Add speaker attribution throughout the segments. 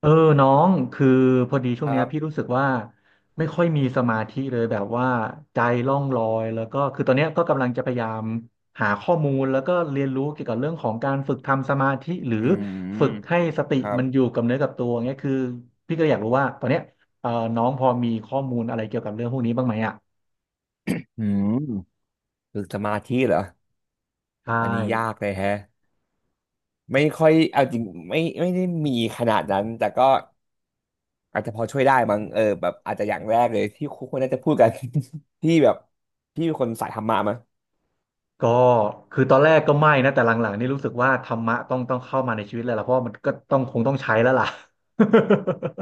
Speaker 1: เออน้องคือพอดีช่
Speaker 2: ค
Speaker 1: วงเนี้
Speaker 2: รั
Speaker 1: ยพี่
Speaker 2: บ
Speaker 1: รู้สึกว่าไม่ค่อยมีสมาธิเลยแบบว่าใจล่องลอยแล้วก็คือตอนเนี้ยก็กำลังจะพยายามหาข้อมูลแล้วก็เรียนรู้เกี่ยวกับเรื่องของการฝึกทำสมาธิหรือ
Speaker 2: อืม
Speaker 1: ฝึกให้สติ
Speaker 2: ครับ
Speaker 1: มันอยู่กับเนื้อกับตัวเงี้ยคือพี่ก็อยากรู้ว่าตอนเนี้ยเออน้องพอมีข้อมูลอะไรเกี่ยวกับเรื่องพวกนี้บ้างไหมอ่ะ
Speaker 2: อืมฝึกสมาธิเหรอ
Speaker 1: ใช่
Speaker 2: อันนี้ยากเลยแฮะ ไม่ค่อย เอาจริงไม่ได้มีขนาดนั้น แต่ก็อาจจะพอช่วยได้มั้งเออแบบอาจจะอย่างแรกเลยที่คุณควรน่าจะพูดกัน ที่แบบพี่เป็นคนสายธรรมะมั้ง
Speaker 1: ก็คือตอนแรกก็ไม่นะแต่หลังๆนี่รู้สึกว่าธรรมะต้องเข้ามาในชีวิตเลยล่ะเพราะว่ามันก็ต้องคงต้องใช้แล้วล่ะ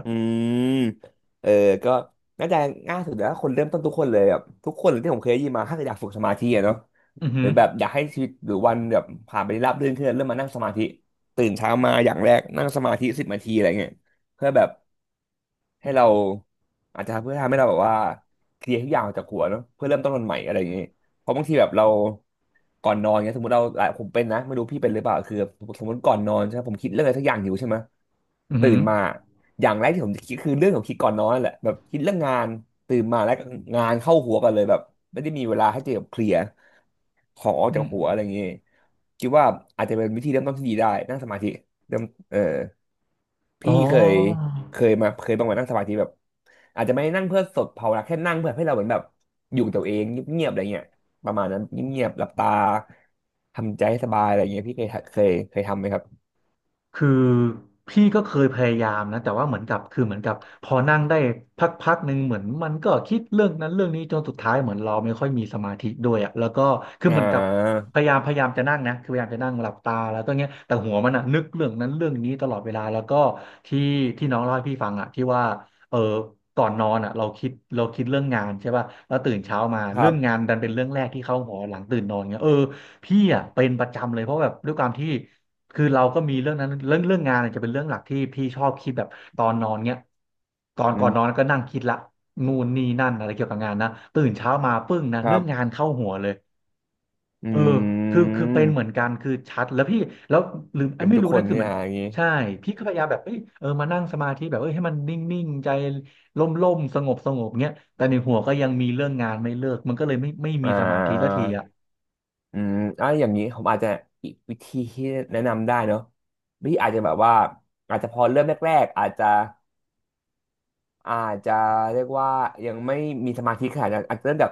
Speaker 2: อืมเออก็น่าจะง่ายสุดแล้วคนเริ่มต้นทุกคนเลยแบบทุกคนที่ผมเคยได้ยินมาถ้าเกิดอยากฝึกสมาธิอะเนาะ
Speaker 1: อือ
Speaker 2: ห
Speaker 1: หื
Speaker 2: รือ
Speaker 1: อ
Speaker 2: แบบอยากให้ชีวิตหรือวันแบบผ่านไปได้ราบรื่นขึ้นเริ่มมานั่งสมาธิตื่นเช้ามาอย่างแรกนั่งสมาธิสิบนาทีอะไรเงี้ยเพื่อแบบให้เราอาจจะเพื่อทำให้เราแบบว่าเคลียร์ทุกอย่างออกจากหัวเนาะเพื่อเริ่มต้นวันใหม่อะไรอย่างเงี้ยเพราะบางทีแบบเราก่อนนอนเงี้ยสมมติเราผมเป็นนะไม่รู้พี่เป็นหรือเปล่าคือสมมติก่อนนอนใช่ไหมผมคิดเรื่องอะไรสักอย่างอยู่ใช่ไหม
Speaker 1: อืมอ
Speaker 2: ตื่
Speaker 1: หือ
Speaker 2: นมาอย่างแรกที่ผมจะคิดคือเรื่องของคิดก่อนนอนนั่นแหละแบบคิดเรื่องงานตื่นมาแล้วก็งานเข้าหัวกันเลยแบบไม่ได้มีเวลาให้เจอกับเคลียร์ของออก
Speaker 1: อื
Speaker 2: จาก
Speaker 1: ม
Speaker 2: หัวอะไรอย่างงี้คิดว่าอาจจะเป็นวิธีเริ่มต้นที่ดีได้นั่งสมาธิเริ่มเออ
Speaker 1: อ๋อ
Speaker 2: พี่เคยบางวันนั่งสมาธิแบบอาจจะไม่ได้นั่งเพื่อสดภาวนาแค่นั่งเพื่อให้เราเหมือนแบบอยู่กับตัวเองเงียบๆอะไรเงี้ยประมาณนั้นเงียบๆหลับตาทำใจให้สบายอะไรเงี้ยพี่เคยทำไหมครับ
Speaker 1: คือพี่ก็เคยพยายามนะแต่ว่าเหมือนกับพอนั่งได้พักๆหนึ่งเหมือนมันก็คิดเรื่องนั้นเรื่องนี้จนสุดท้ายเหมือนเราไม่ค่อยมีสมาธิด้วยอ่ะแล้วก็คือ
Speaker 2: อ่
Speaker 1: เหมือนกับ
Speaker 2: า
Speaker 1: พยายามจะนั่งนะคือพยายามจะนั่งหลับตาแล้วก็เงี้ยแต่หัวมันอ่ะนึกเรื่องนั้นเรื่องนี้ตลอดเวลาแล้วก็ที่ที่น้องเล่าให้พี่ฟังอ่ะที่ว่าเออก่อนนอนอ่ะเราคิดเรื่องงานใช่ป่ะแล้วตื่นเช้ามา
Speaker 2: ครั
Speaker 1: เรื่องงา
Speaker 2: บ
Speaker 1: นดันเป็นเรื่องแรกที่เข้าหัวหลังตื่นนอนเงี้ยเออพี่อ่ะเป็นประจำเลยเพราะแบบด้วยความที่ คือเราก็มีเรื่องนั้นเรื่องงานเนี่ยจะเป็นเรื่องหลักที่พี่ชอบคิดแบบตอนนอนเนี้ยก่อน
Speaker 2: อื
Speaker 1: ก่อนนอนก็นั่งคิดละนู่นนี่นั่นอะไรเกี่ยวกับงานนะตื่นเช้ามาปึ้งนะ
Speaker 2: ครั
Speaker 1: เรื่องงาน
Speaker 2: บ
Speaker 1: เข้าหัวเลย
Speaker 2: อ
Speaker 1: เออ
Speaker 2: ื
Speaker 1: คือเป็นเหมือ
Speaker 2: ม
Speaker 1: นกันคือชัดแล้วพี่แล้วลืมเอ้
Speaker 2: เป็
Speaker 1: ย
Speaker 2: น
Speaker 1: ไม่
Speaker 2: ทุก
Speaker 1: รู้
Speaker 2: ค
Speaker 1: นะ
Speaker 2: น
Speaker 1: คือ
Speaker 2: เนี่
Speaker 1: เห
Speaker 2: ย
Speaker 1: มือน
Speaker 2: อย่างนี้
Speaker 1: ใช่พี่ก็พยายามแบบเอ้ยเออมานั่งสมาธิแบบเอ้ยให้มันนิ่งๆใจล่มๆสงบเงี้ยแต่ในหัวก็ยังมีเรื่องงานไม่เลิกมันก็เลยไม่มี
Speaker 2: อ่า
Speaker 1: สมาธิสักทีอ่ะ
Speaker 2: อืมอ่ะอย่างนี้ผมอาจจะอีกวิธีที่แนะนำได้เนอะวิธีอาจจะแบบว่าอาจจะพอเริ่มแรกๆอาจจะเรียกว่ายังไม่มีสมาธิขนาดนั้นอาจจะเริ่มแบบ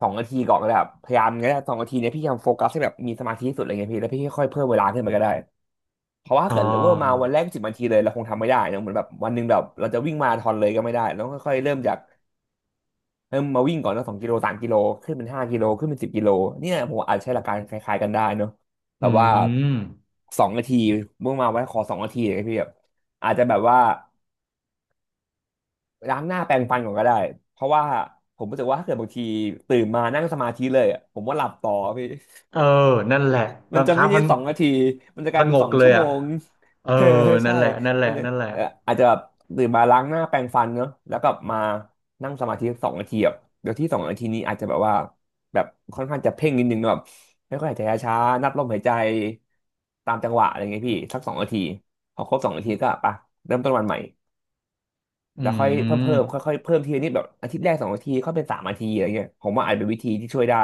Speaker 2: สองนาทีก่อนก็ได้ครับพยายามงั้สองนาทีเนี้ยพี่พยายามโฟกัสให้แบบมีสมาธิที่สุดอะไรเงี้ยพี่แล้วพี่ค่อยๆเพิ่มเวลาขึ้นไปก็ได้เพราะว่า
Speaker 1: อ๋
Speaker 2: ถ้าเกิดเวอร์มา
Speaker 1: อ
Speaker 2: วันแรกสิบนาทีเลยเราคงทำไม่ได้เนอะเหมือนแบบวันหนึ่งแบบเราจะวิ่งมาราธอนเลยก็ไม่ได้เราต้องค่อยๆเริ่มจาก เริ่มมาวิ่งก่อนแล้ว2 กิโล3 กิโลขึ้นเป็น5 กิโลขึ้นเป็น10 กิโลเนี่ยผมอาจใช้หลักการคล้ายๆกันได้เนอะแบ
Speaker 1: อื
Speaker 2: บว่า
Speaker 1: ม
Speaker 2: สองนาทีเมื่อมาไว้ขอสองนาทีเลยพี่แบบอาจจะแบบว่าล้างหน้าแปรงฟันก่อนก็ได้เพราะว่าผมรู้สึกว่าถ้าเกิดบางทีตื่นมานั่งสมาธิเลยอะผมว่าหลับต่อพี่
Speaker 1: เออนั่นแหละ
Speaker 2: มัน
Speaker 1: บาง
Speaker 2: จะ
Speaker 1: ครั้
Speaker 2: ไม่
Speaker 1: ง
Speaker 2: ใช่
Speaker 1: พัง
Speaker 2: 2 นาที มันจะ
Speaker 1: ผ
Speaker 2: กลายเป็
Speaker 1: ง
Speaker 2: นสอ
Speaker 1: ก
Speaker 2: ง
Speaker 1: เล
Speaker 2: ชั่
Speaker 1: ย
Speaker 2: วโม
Speaker 1: อ่ะ
Speaker 2: ง
Speaker 1: เออ
Speaker 2: เออใช่
Speaker 1: นั่นแหละนั่นแห
Speaker 2: มั
Speaker 1: ละ
Speaker 2: นจะ
Speaker 1: นั่นแหละ
Speaker 2: เอ่ออาจจะแบบตื่นมาล้างหน้าแปรงฟันเนอะแล้วก็มานั่งสมาธิสองนาทีแบบเดี๋ยวที่สองนาทีนี้อาจจะแบบว่าแบบค่อนข้างจะเพ่งนิดนึงเนอะแบบไม่ค่อยหายใจช้าๆนับลมหายใจ ตามจังหวะอะไรเงี้ยพี่ สักสองนาทีพอครบ2 นาทีก็ไปเริ่มต้นวันใหม่
Speaker 1: อื
Speaker 2: แล้วค่อยเพิ่ม
Speaker 1: ม
Speaker 2: เพิ่มค่อยๆเพิ่มทีละนิดแบบอาทิตย์แรก2 อาทิตย์ค่อยเป็น3 อาทิตย์อะไรเงี้ยผมว่าอาจเป็นวิธีที่ช่วยได้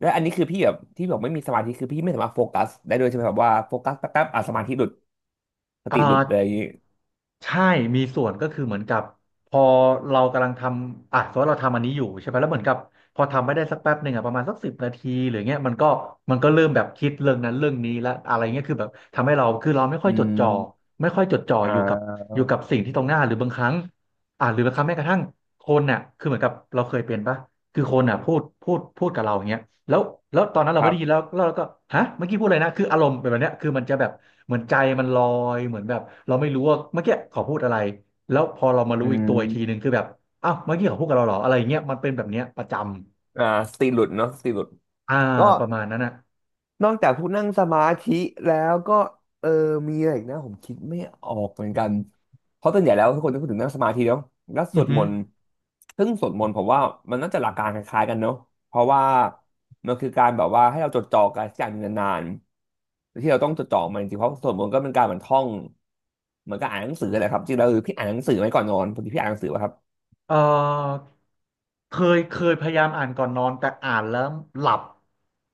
Speaker 2: และอันนี้คือพี่แบบที่บอกไม่มีสมาธิคือพี่ไม่สามารถโฟกัสได้ด้วยใช่ไหมแบบว่าโฟกัสแป๊บๆอ่ะสมาธิหลุดสติ
Speaker 1: อ่า
Speaker 2: หลุดเลยอย่างงี้
Speaker 1: ใช่มีส่วนก็คือเหมือนกับพอเรากำลังทำอ่ะสมมติเราทำอันนี้อยู่ใช่ไหมแล้วเหมือนกับพอทำไม่ได้สักแป๊บหนึ่งอ่ะประมาณสักสิบนาทีหรือเงี้ยมันก็เริ่มแบบคิดเรื่องนั้นเรื่องนี้และอะไรเงี้ยคือแบบทำให้เราคือเราไม่ค่
Speaker 2: อื
Speaker 1: อยจดจ่อ
Speaker 2: ม
Speaker 1: ไม่ค่อยจดจ่อ
Speaker 2: อ่
Speaker 1: อยู่กับ
Speaker 2: า
Speaker 1: อยู่กับสิ่งที่ตรงหน้าหรือบางครั้งอ่ะหรือบางครั้งแม้กระทั่งคนน่ะคือเหมือนกับเราเคยเป็นปะคือคนน่ะพูดกับเราอย่างเงี้ย แล้วแล้วตอนนั้น
Speaker 2: ค
Speaker 1: เราไม่
Speaker 2: รั
Speaker 1: ได้ยินแล้ว
Speaker 2: บ
Speaker 1: เราก็ฮะเมื่อกี้พูดอะไรนะคืออารมณ์เป็นแบบเนี้ยคือมันจะแบบเหมือนใจมันลอย เหมือนแบบเราไม่รู้ว่าเมื่อกี้เขาพูดอะไร แล้วพอเรามา
Speaker 2: อื
Speaker 1: รู้อีกตัวอีกทีหนึ่ง
Speaker 2: ม
Speaker 1: คือแบบอ้าวเมื่อกี้เขาพูดกับเราเหรออะไรอย่างเงี้ยมันเป็นแบบเนี้ยประจำ
Speaker 2: อ่าสติหลุดเนาะสติหลุด
Speaker 1: อ่า
Speaker 2: ก็
Speaker 1: ประมาณนั้นน่ะ
Speaker 2: นอกจากพวกนั่งสมาธิแล้วก็เออมีอะไรอีกนะผมคิดไม่ออกเหมือนกันเพราะส่วนใหญ่แล้วทุกคนจะพูดถึงนั่งสมาธิเนาะแล้วส
Speaker 1: อื
Speaker 2: ว
Speaker 1: อ
Speaker 2: ด
Speaker 1: ฮึ
Speaker 2: มนต์ซึ่งสวดมนต์ผมว่ามันน่าจะหลักการคล้ายๆกันเนาะเพราะว่ามันคือการแบบว่าให้เราจดจ่อกับสิ่งอย่างหนึ่งนานๆที่เราต้องจดจ่อมันจริงๆเพราะสวดมนต์ก็เป็นการเหมือนท่องเหมือนกับอ่านหนังสือแหละครับจริงๆแล้วคือพี่อ่านหนังสือไหมก่อนนอนพอดีพี่อ่านหนังสือป่ะครับ
Speaker 1: เออเคยพยายามอ่านก่อนนอนแต่อ่านแล้วหลับ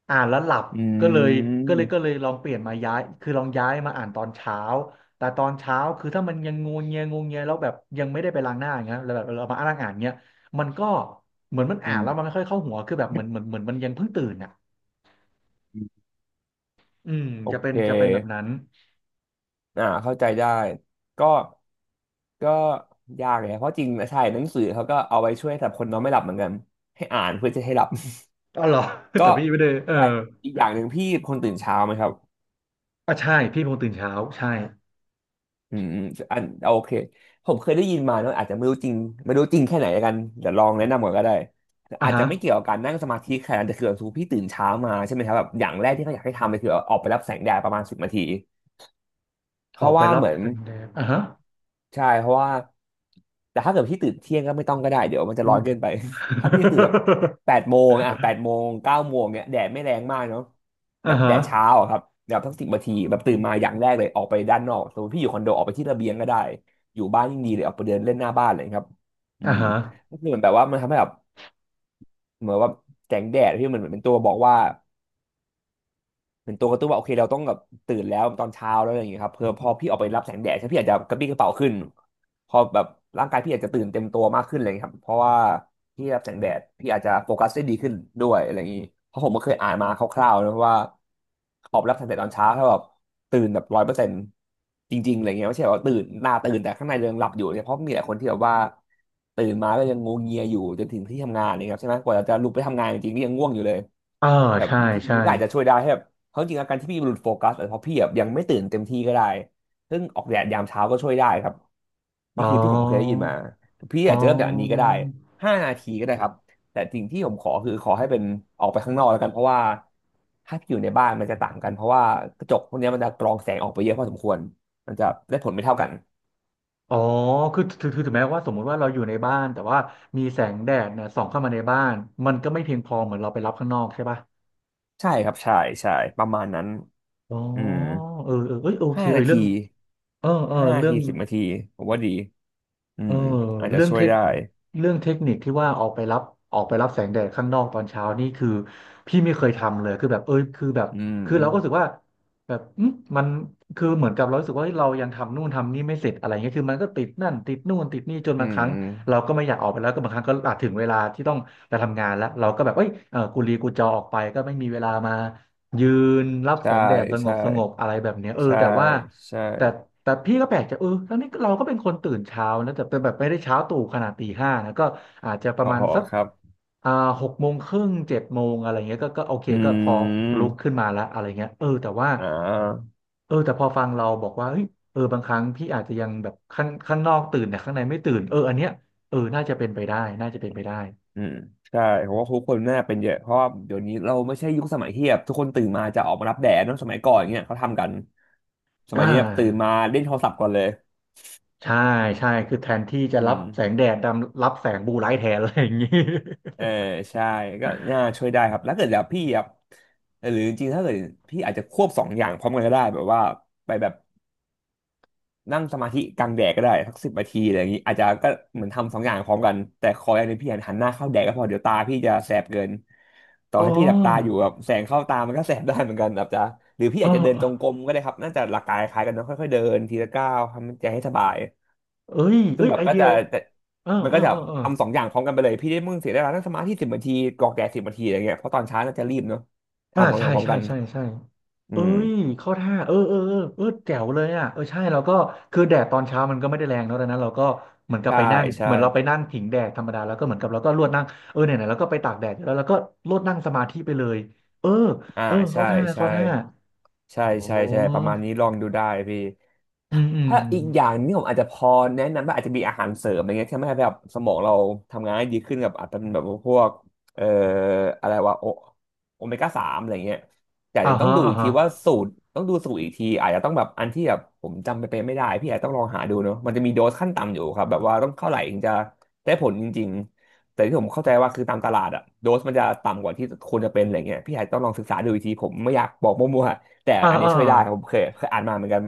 Speaker 1: อ่านแล้วหลับ
Speaker 2: อื
Speaker 1: ก็เลยก็เลย
Speaker 2: ม
Speaker 1: ก็เลยลองเปลี่ยนมาย้ายคือลองย้ายมาอ่านตอนเช้าแต่ตอนเช้าคือถ้ามันยังงวงเงียแล้วแบบยังไม่ได้ไปล้างหน้าอย่างเงี้ยแล้วแบบเรามาอ่านเงี้ยมันก็เหมือนมัน
Speaker 2: อื
Speaker 1: อ่านแล้วมั
Speaker 2: ม
Speaker 1: นไม่ค่อยเข้าหัวคือแบบเหมือนมันยังเพิ่งตื่นอ่ะอืม
Speaker 2: โอ
Speaker 1: จะเป็
Speaker 2: เค
Speaker 1: นจะเป็นแบบนั้น
Speaker 2: อ่าเข้าใจได้ก็ ก็ยากเลยนะเพราะจริงใช่หนังสือเขาก็เอาไว้ช่วยสำหรับคนนอนไม่หลับเหมือนกันให้อ่านเพื่อจะให้หลับ
Speaker 1: อ๋อเหรอ แต่
Speaker 2: ก็
Speaker 1: พี่ไม่ได้เออ
Speaker 2: แต่อีกอย่างหนึ่งพี่คนตื่นเช้าไหมครับ
Speaker 1: อ่ะใช่พี่เป็นคนตื่นเช้าใช่
Speaker 2: อืมอมอันโอเคผมเคยได้ยินมาเนอะอาจจะไม่รู้จริงไม่รู้จริงแค่ไหนแล้วกันเดี๋ยวลองแนะนำก่อนก็ได้
Speaker 1: อ่ะ
Speaker 2: อาจจะ
Speaker 1: ฮะ
Speaker 2: ไม่เกี่ยวกับการนั่งสมาธิขนาดนั้นแต่คือแบบสมมติพี่ตื่นเช้ามาใช่ไหมครับแบบอย่างแรกที่เขาอยากให้ทำเลยคือออกไปรับแสงแดดประมาณสิบนาทีเพ
Speaker 1: ออ
Speaker 2: ราะ
Speaker 1: กไป
Speaker 2: ว่า
Speaker 1: รั
Speaker 2: เห
Speaker 1: บ
Speaker 2: มือน
Speaker 1: แสงแดดอ่ะฮะ
Speaker 2: ใช่เพราะว่าแต่ถ้าเกิดพี่ตื่นเที่ยงก็ไม่ต้องก็ได้เดี๋ยวมันจะร้อนเกินไป ถ้าพี่จะตื่นแบบแป ดโมงอ่ะแปดโมง9 โมงเนี้ยแดดไม่แรงมากเนาะแบ
Speaker 1: อ่า
Speaker 2: บแด
Speaker 1: ฮะ
Speaker 2: ดเช้าอะครับแบบสักสิบนาทีแบบตื่นมาอย่างแรกเลยออกไปด้านนอกสมมติพี่อยู่คอนโดออกไปที่ระเบียงก็ได้อยู่บ้านยิ่งดีเลยออกไปเดินเล่นหน้าบ้านเลยครับอื
Speaker 1: อ่า
Speaker 2: ม
Speaker 1: ฮะ
Speaker 2: ก็คือเหมือนแบบว่ามันทำให้แบบเหมือนว่าแสงแดดที่มันเหมือนเป็นตัวบอกว่า เป็นตัวกระตุ้นว่าโอเคเราต้องแบบตื่นแล้วตอนเช้าแล้วอะไรอย่างเงี้ยครับเพื่อพอพี่ออกไปรับแสงแดดใช่ไหมพี่อาจจะกระปรี้กระเปร่าขึ้นพอแบบร่างกายพี่อาจจะตื่นเต็มตัวมากขึ้นอะไรอย่างเลยครับเพราะว่าพี่รับแสงแดดพี่อาจจะโฟกัสได้ดีขึ้นด้วยอะไรอย่างงี้เพราะผมก็เคยอ่านมาคร่าวๆนะว่าออกไปรับแสงแดดตอนเช้าถ้าแบบตื่นแบบ100%จริงๆอะไรเงี้ยไม่ใช่ว่าตื่นหน้าตื่นแต่ข้างในเรายังหลับอยู่เนี่ยเพราะมีหลายคนที่แบบว่าตื่นมาก็ยังงวงเงียอยู่จนถึงที่ทำงานเนี่ยครับใช่ไหมกว่าจะลุกไปทำงานจริงๆนี่ยังง่วงอยู่เลย
Speaker 1: อ่า
Speaker 2: แบบ
Speaker 1: ใช่
Speaker 2: วิธี
Speaker 1: ใช่
Speaker 2: นี้ก็อาจจะช่วยได้ให้แบบ เพราะจริงๆอาการที่พี่หลุดโฟกัสอาจจะเพราะพี่แบบยังไม่ตื่นเต็มที่ก็ได้ซึ่งออกแดดยามเช้าก็ช่วยได้ครับ
Speaker 1: อ๋
Speaker 2: นี่คือที่ผมเคยได้ยิน
Speaker 1: อ
Speaker 2: มาพี่
Speaker 1: อ๋
Speaker 2: อาจจะเริ่มจากอันนี้ก็
Speaker 1: อ
Speaker 2: ได้ห้านาทีก็ได้ครับแต่สิ่งที่ผมขอคือขอให้เป็นออกไปข้างนอกแล้วกันเพราะว่าถ้าพี่อยู่ในบ้านมันจะต่างกันเพราะว่ากระจกพวกเนี้ยมันจะกรองแสงออกไปเยอะพอสมควรมันจะได้ผลไม่เท่ากัน
Speaker 1: อ๋อคือถึงแม้ว่าสมมุติว่าเราอยู่ในบ้าน แต่ว่ามีแสงแดดเนี่ยส่องเข้ามาในบ้าน มันก็ไม่เพียงพอเหมือนเราไปรับข้างนอกใช่ป่ะ
Speaker 2: ใช่ครับใช่ใช่ประมาณนั้น
Speaker 1: อ๋อ
Speaker 2: อืม
Speaker 1: เออเอ้ยโอเค
Speaker 2: ห้า
Speaker 1: เออ
Speaker 2: นา
Speaker 1: เรื่
Speaker 2: ที
Speaker 1: องเออเรื่อง
Speaker 2: สิบนาทีผมว่าดีอื
Speaker 1: เออ
Speaker 2: มอาจจะ
Speaker 1: เรื่อง
Speaker 2: ช่ว
Speaker 1: เท
Speaker 2: ย
Speaker 1: ค
Speaker 2: ได้
Speaker 1: นิคที่ว่าออกไปรับแสงแดดข้างนอกตอนเช้านี่คือพี่ไม่เคยทำเลยคือแบบเอยคือแบบ
Speaker 2: อืม
Speaker 1: คือเราก็รู้สึกว่าแบบมันคือเหมือนกับเรารู้สึกว่าเฮ้ยเรายังทำนู่นทำนี่ไม่เสร็จอะไรเงี้ยคือมันก็ติดนั่นติดนู่นติดนี่จน
Speaker 2: อื
Speaker 1: บางค
Speaker 2: ม
Speaker 1: รั้งเราก็ไม่อยากออกไปแล้วก็บางครั้งก็อาจถึงเวลาที่ต้องไปทำงานแล้วเราก็แบบเอ้ยเออกูลีกูจอออกไปก็ไม่มีเวลามายืนรับแส
Speaker 2: ใช่
Speaker 1: งแดดสง
Speaker 2: ใช่
Speaker 1: บสงบอะไรแบบเนี้ยเออ
Speaker 2: ใช่
Speaker 1: แต่ว่า
Speaker 2: ใช่
Speaker 1: แต่พี่ก็แปลกใจเออทั้งนี้เราก็เป็นคนตื่นเช้านะแต่เป็นแบบไม่ได้เช้าตู่ขนาดตี 5นะก็อาจจะป
Speaker 2: ห
Speaker 1: ระ
Speaker 2: อ
Speaker 1: มาณ
Speaker 2: หอ
Speaker 1: สัก
Speaker 2: ครับ
Speaker 1: อ่า6 โมงครึ่ง7 โมงอะไรเงี้ยก็โอเค
Speaker 2: อื
Speaker 1: ก็พอลุกขึ้
Speaker 2: ม
Speaker 1: นมาแล้วอะไรเงี้ยเออแต่ว่า
Speaker 2: อ่า
Speaker 1: เออแต่พอฟังเราบอกว่าเฮ้ยเออบางครั้งพี่อาจจะยังแบบข้างนอกตื่นแต่ข้างในไม่ตื่นเออเนี้ยเออน่าจะเป็นไปได้น่าจะเป็นไปได้
Speaker 2: อืมใช่ผมว่าทุกคนน่าเป็นเยอะเพราะว่าเดี๋ยวนี้เราไม่ใช่ยุคสมัยที่แบบทุกคนตื่นมาจะออกมารับแดดเนอะสมัยก่อนเงี้ยเขาทำกันส
Speaker 1: อ่
Speaker 2: มัยนี้แบบตื่นมา
Speaker 1: า
Speaker 2: เล่นโทรศัพท์ก่อนเลย
Speaker 1: ใช่ใช่คือแทนที่จะ
Speaker 2: อื
Speaker 1: รับ
Speaker 2: ม
Speaker 1: แสงแดดดำรับแสงบลูไลท์แทนอะไรอย่างงี้
Speaker 2: เออใช่ก็น่าช่วยได้ครับแล้วเกิดแบบพี่ครับหรือจริงๆถ้าเกิดพี่อาจจะควบสองอย่างพร้อมกันก็ได้แบบว่าไปแบบ นั่งสมาธิกลางแดดก็ได้สักสิบนาทีอะไรอย่างนี้อาจจะก็เหมือนทำสองอย่างพร้อมกันแต่ขออย่างหนึงพี่หันหน้าเข้าแดดก็พอเดี๋ยวตาพี่จะแสบเกินต่ อ
Speaker 1: อ๋อ
Speaker 2: ให้พี่หลับตาอยู่แบบแสงเข้าตามันก็แสบได้เหมือนกันแบบจะหรือพี่
Speaker 1: เออ
Speaker 2: อาจจะเดินจงกรมก็ได้ครับน่าจะหลักการคล้ายกันเนอะค่อยๆเดินทีละก้าวทำใจให้สบายซึ่
Speaker 1: เอ้
Speaker 2: ง
Speaker 1: ย
Speaker 2: แบบ
Speaker 1: ไอ
Speaker 2: ก็
Speaker 1: เดีย
Speaker 2: จะจะ
Speaker 1: เออ
Speaker 2: มัน
Speaker 1: เอ
Speaker 2: ก็
Speaker 1: อ
Speaker 2: จะ
Speaker 1: เออเออ
Speaker 2: ทำสองอย่างพร้อมกันไปเลยพี่ได้มึงเสียเวลานั่งสมาธิสิบนาทีกรอกแดดสิบนาทีอะไรเงี้ยเพราะตอนเช้าน่าจะรีบเนาะ
Speaker 1: อ่า
Speaker 2: ทำสองอ
Speaker 1: ใช่
Speaker 2: ย่างพร้อม
Speaker 1: ใช่
Speaker 2: กัน
Speaker 1: ใช่ใช่
Speaker 2: อื
Speaker 1: เอ้
Speaker 2: ม
Speaker 1: ยเข้าท่าเออเออเออเออแจ๋วเลยอ่ะเออใช่เราก็คือแดดตอนเช้ามันก็ไม่ได้แรงเนอะดังนั้นเราก็เหมือนกับ
Speaker 2: ใช่
Speaker 1: ไปนั่ง
Speaker 2: ใช่
Speaker 1: เหมือนเราไปนั่งผิงแดดธรรมดา แล้วก็เหมือนกับเราก็ลวดนั่งเออไหนไเราก็ไปตากแดดอยู่แล้วเราก็ลวดนั่งสมาธิไปเลยเออ
Speaker 2: อ่า
Speaker 1: เออเข้า
Speaker 2: ใช่
Speaker 1: ท่า
Speaker 2: ใช่
Speaker 1: เข้าท่า
Speaker 2: ใช่
Speaker 1: โอ้
Speaker 2: ใช่ใช่ประมาณนี้ลองดูได้พี่
Speaker 1: อืมอืม
Speaker 2: ถ้า
Speaker 1: อ
Speaker 2: อีกอย่าง
Speaker 1: ม
Speaker 2: นี่ผมอาจจะพอแนะนำว่าอาจจะมีอาหารเสริมอะไรเงี้ยที่ทำให้แบบสมองเราทำงานได้ดีขึ้นกับอาจจะเป็นแบบพวกเอ่ออะไรวะโอโอเมก้าสามอะไรเงี้ยแต่
Speaker 1: อ่า
Speaker 2: เดี๋ยวต้อง
Speaker 1: ฮะ
Speaker 2: ดู
Speaker 1: อ่า
Speaker 2: อีกที
Speaker 1: ฮะ
Speaker 2: ว่าสูตรต้องดูสูตรอีกทีอาจจะต้องแบบอันที่แบบผมจำไปเป็นไม่ได้พี่อาจจะต้องลองหาดูเนาะมันจะมีโดสขั้นต่ำอยู่ครับแบบว่าต้องเท่าไหร่ถึงจะได้ผลจริงๆแต่ที่ผมเข้าใจว่าคือตามตลาดอะโดสมันจะต่ำกว่าที่ควรจะเป็นอะไรเงี้ยพี่อาจจะต้องลองศึกษาดูอีกทีผมไม่อยากบอกมั่วๆแต่
Speaker 1: อ่า
Speaker 2: อันนี้
Speaker 1: อ่า
Speaker 2: ช่วยได้ผมเคยอ่านมาเหมือนกัน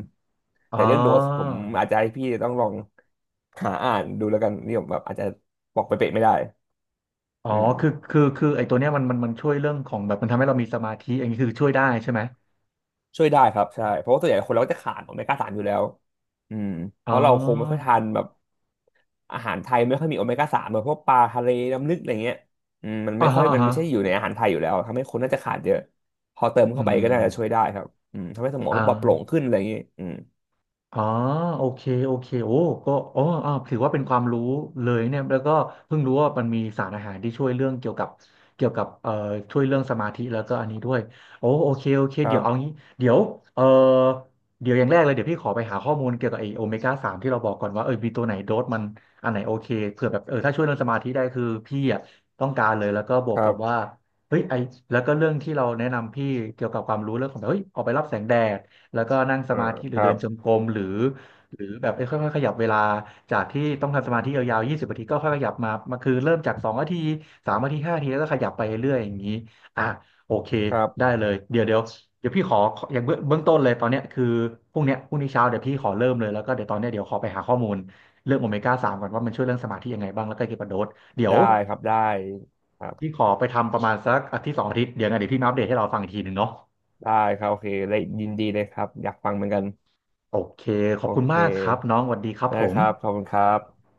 Speaker 1: อ๋
Speaker 2: แต่
Speaker 1: อ
Speaker 2: เรื่องโดสผมอาจจะให้พี่ต้องลองหาอ่านดูแล้วกันนี่ผมแบบอาจจะบอกไปเป๊ะๆไม่ได้
Speaker 1: อ๋อ
Speaker 2: อืม
Speaker 1: คือไอ้ตัวเนี้ยมันช่วยเรื่องของแบบมันทำให้เรามีสมาธิอย่างนี้คือช่วยได้ใช่ไหม
Speaker 2: ช่วยได้ครับใช่เพราะว่าส่วนใหญ่คนเราก็จะขาดโอเมก้าสามอยู่แล้วอืมเพ
Speaker 1: อ๋
Speaker 2: ราะเราคงไม่ค่อย
Speaker 1: อ
Speaker 2: ทานแบบอาหารไทยไม่ค่อยมีโอเมก้าสามแบบพวกปลาทะเลน้ำลึกอะไรเงี้ยอืมมัน
Speaker 1: อ่า
Speaker 2: ไม่ค่อ
Speaker 1: ฮะ
Speaker 2: ย
Speaker 1: อ่า
Speaker 2: มัน
Speaker 1: ฮะ
Speaker 2: ไม่ใช่อยู่ในอาหารไทยอยู่แล้วทำให้คนน่าจะขาดเยอะพอเติม
Speaker 1: อื
Speaker 2: เข้าไปก็น่าจะช่วย
Speaker 1: ม
Speaker 2: ได้ครับอืมทำให้สมอง
Speaker 1: อ่
Speaker 2: ปลอดโปร่ง
Speaker 1: า
Speaker 2: ขึ้นอะไรอย่างนี้อืม
Speaker 1: อ๋อโอเคโอเคโอ้ก็อ๋ออ่าถือว่าเป็นความรู้เลยเนี่ยแล้วก็เพิ่งรู้ว่ามันมีสารอาหารที่ช่วยเรื่องเกี่ยวกับช่วยเรื่องสมาธิแล้วก็อันนี้ด้วยโอ้โอเคโอเค
Speaker 2: ครั
Speaker 1: เดี๋ยวเอา
Speaker 2: บ
Speaker 1: งี้เดี๋ยวเอ่อเดี๋ยวอย่างแรกเลยเดี๋ยวพี่ขอไปหาข้อมูลเกี่ยวกับไอโอเมก้าสามที่เราบอกก่อนว่าเออมีตัวไหนโดสมันอันไหนโอเคเผื่อแบบเออถ้าช่วยเรื่องสมาธิได้คือพี่อ่ะต้องการเลยแล้วก็บ
Speaker 2: ค
Speaker 1: วก
Speaker 2: รั
Speaker 1: กับ
Speaker 2: บ
Speaker 1: ว่าเฮ้ยไอแล้วก็เรื่องที่เราแนะนำพี่เกี่ยวกับความรู้เรื่องของแบบเฮ้ยออกไปรับแสงแดด แล้วก็นั่งส
Speaker 2: เออ
Speaker 1: มาธิห
Speaker 2: ค
Speaker 1: รือ
Speaker 2: รั
Speaker 1: เดิ
Speaker 2: บ
Speaker 1: นจงกรมหรือแบบเอ้ยค่อยๆขยับเวลาจากที่ต้องทำสมาธิยาวๆ20 นาทีก็ค่อยขยับมาคือเริ่มจาก2 นาที3 นาที5 นาทีแล้วก็ขยับไปเรื่อยๆอย่างนี้อ่ะโอเค
Speaker 2: ครับ
Speaker 1: ได้เลยเดี๋ยวเดี๋ยวพี่ขออย่างเบื้องต้นเลยตอนเนี้ยคือพรุ่งนี้เช้าเดี๋ยวพี่ขอเริ่มเลยแล้วก็เดี๋ยวตอนเนี้ยเดี๋ยวขอไปหาข้อมูลเรื่องโอเมก้าสามก่อนว่ามันช่วยเรื่องสมาธิยังไงบ้างแล้วก็เกี่ยวกับโดสเดี๋ยว
Speaker 2: ได้ครับได้ครั
Speaker 1: พี่
Speaker 2: บ
Speaker 1: ขอไปทำประมาณสักอาทิตย์สองอาทิตย์เดี๋ยวไงเดี๋ยวพี่มาอัปเดตให้เราฟังอีกทีหนึ่งเนาะ
Speaker 2: ได้ครับโอเคเลยยินดีเลยครับอยากฟังเหมือนกัน
Speaker 1: โอเคข
Speaker 2: โอ
Speaker 1: อบคุณ
Speaker 2: เค
Speaker 1: มากครับน้องสวัสดีครับ
Speaker 2: ได้
Speaker 1: ผ
Speaker 2: ค
Speaker 1: ม
Speaker 2: รับขอบคุณครับ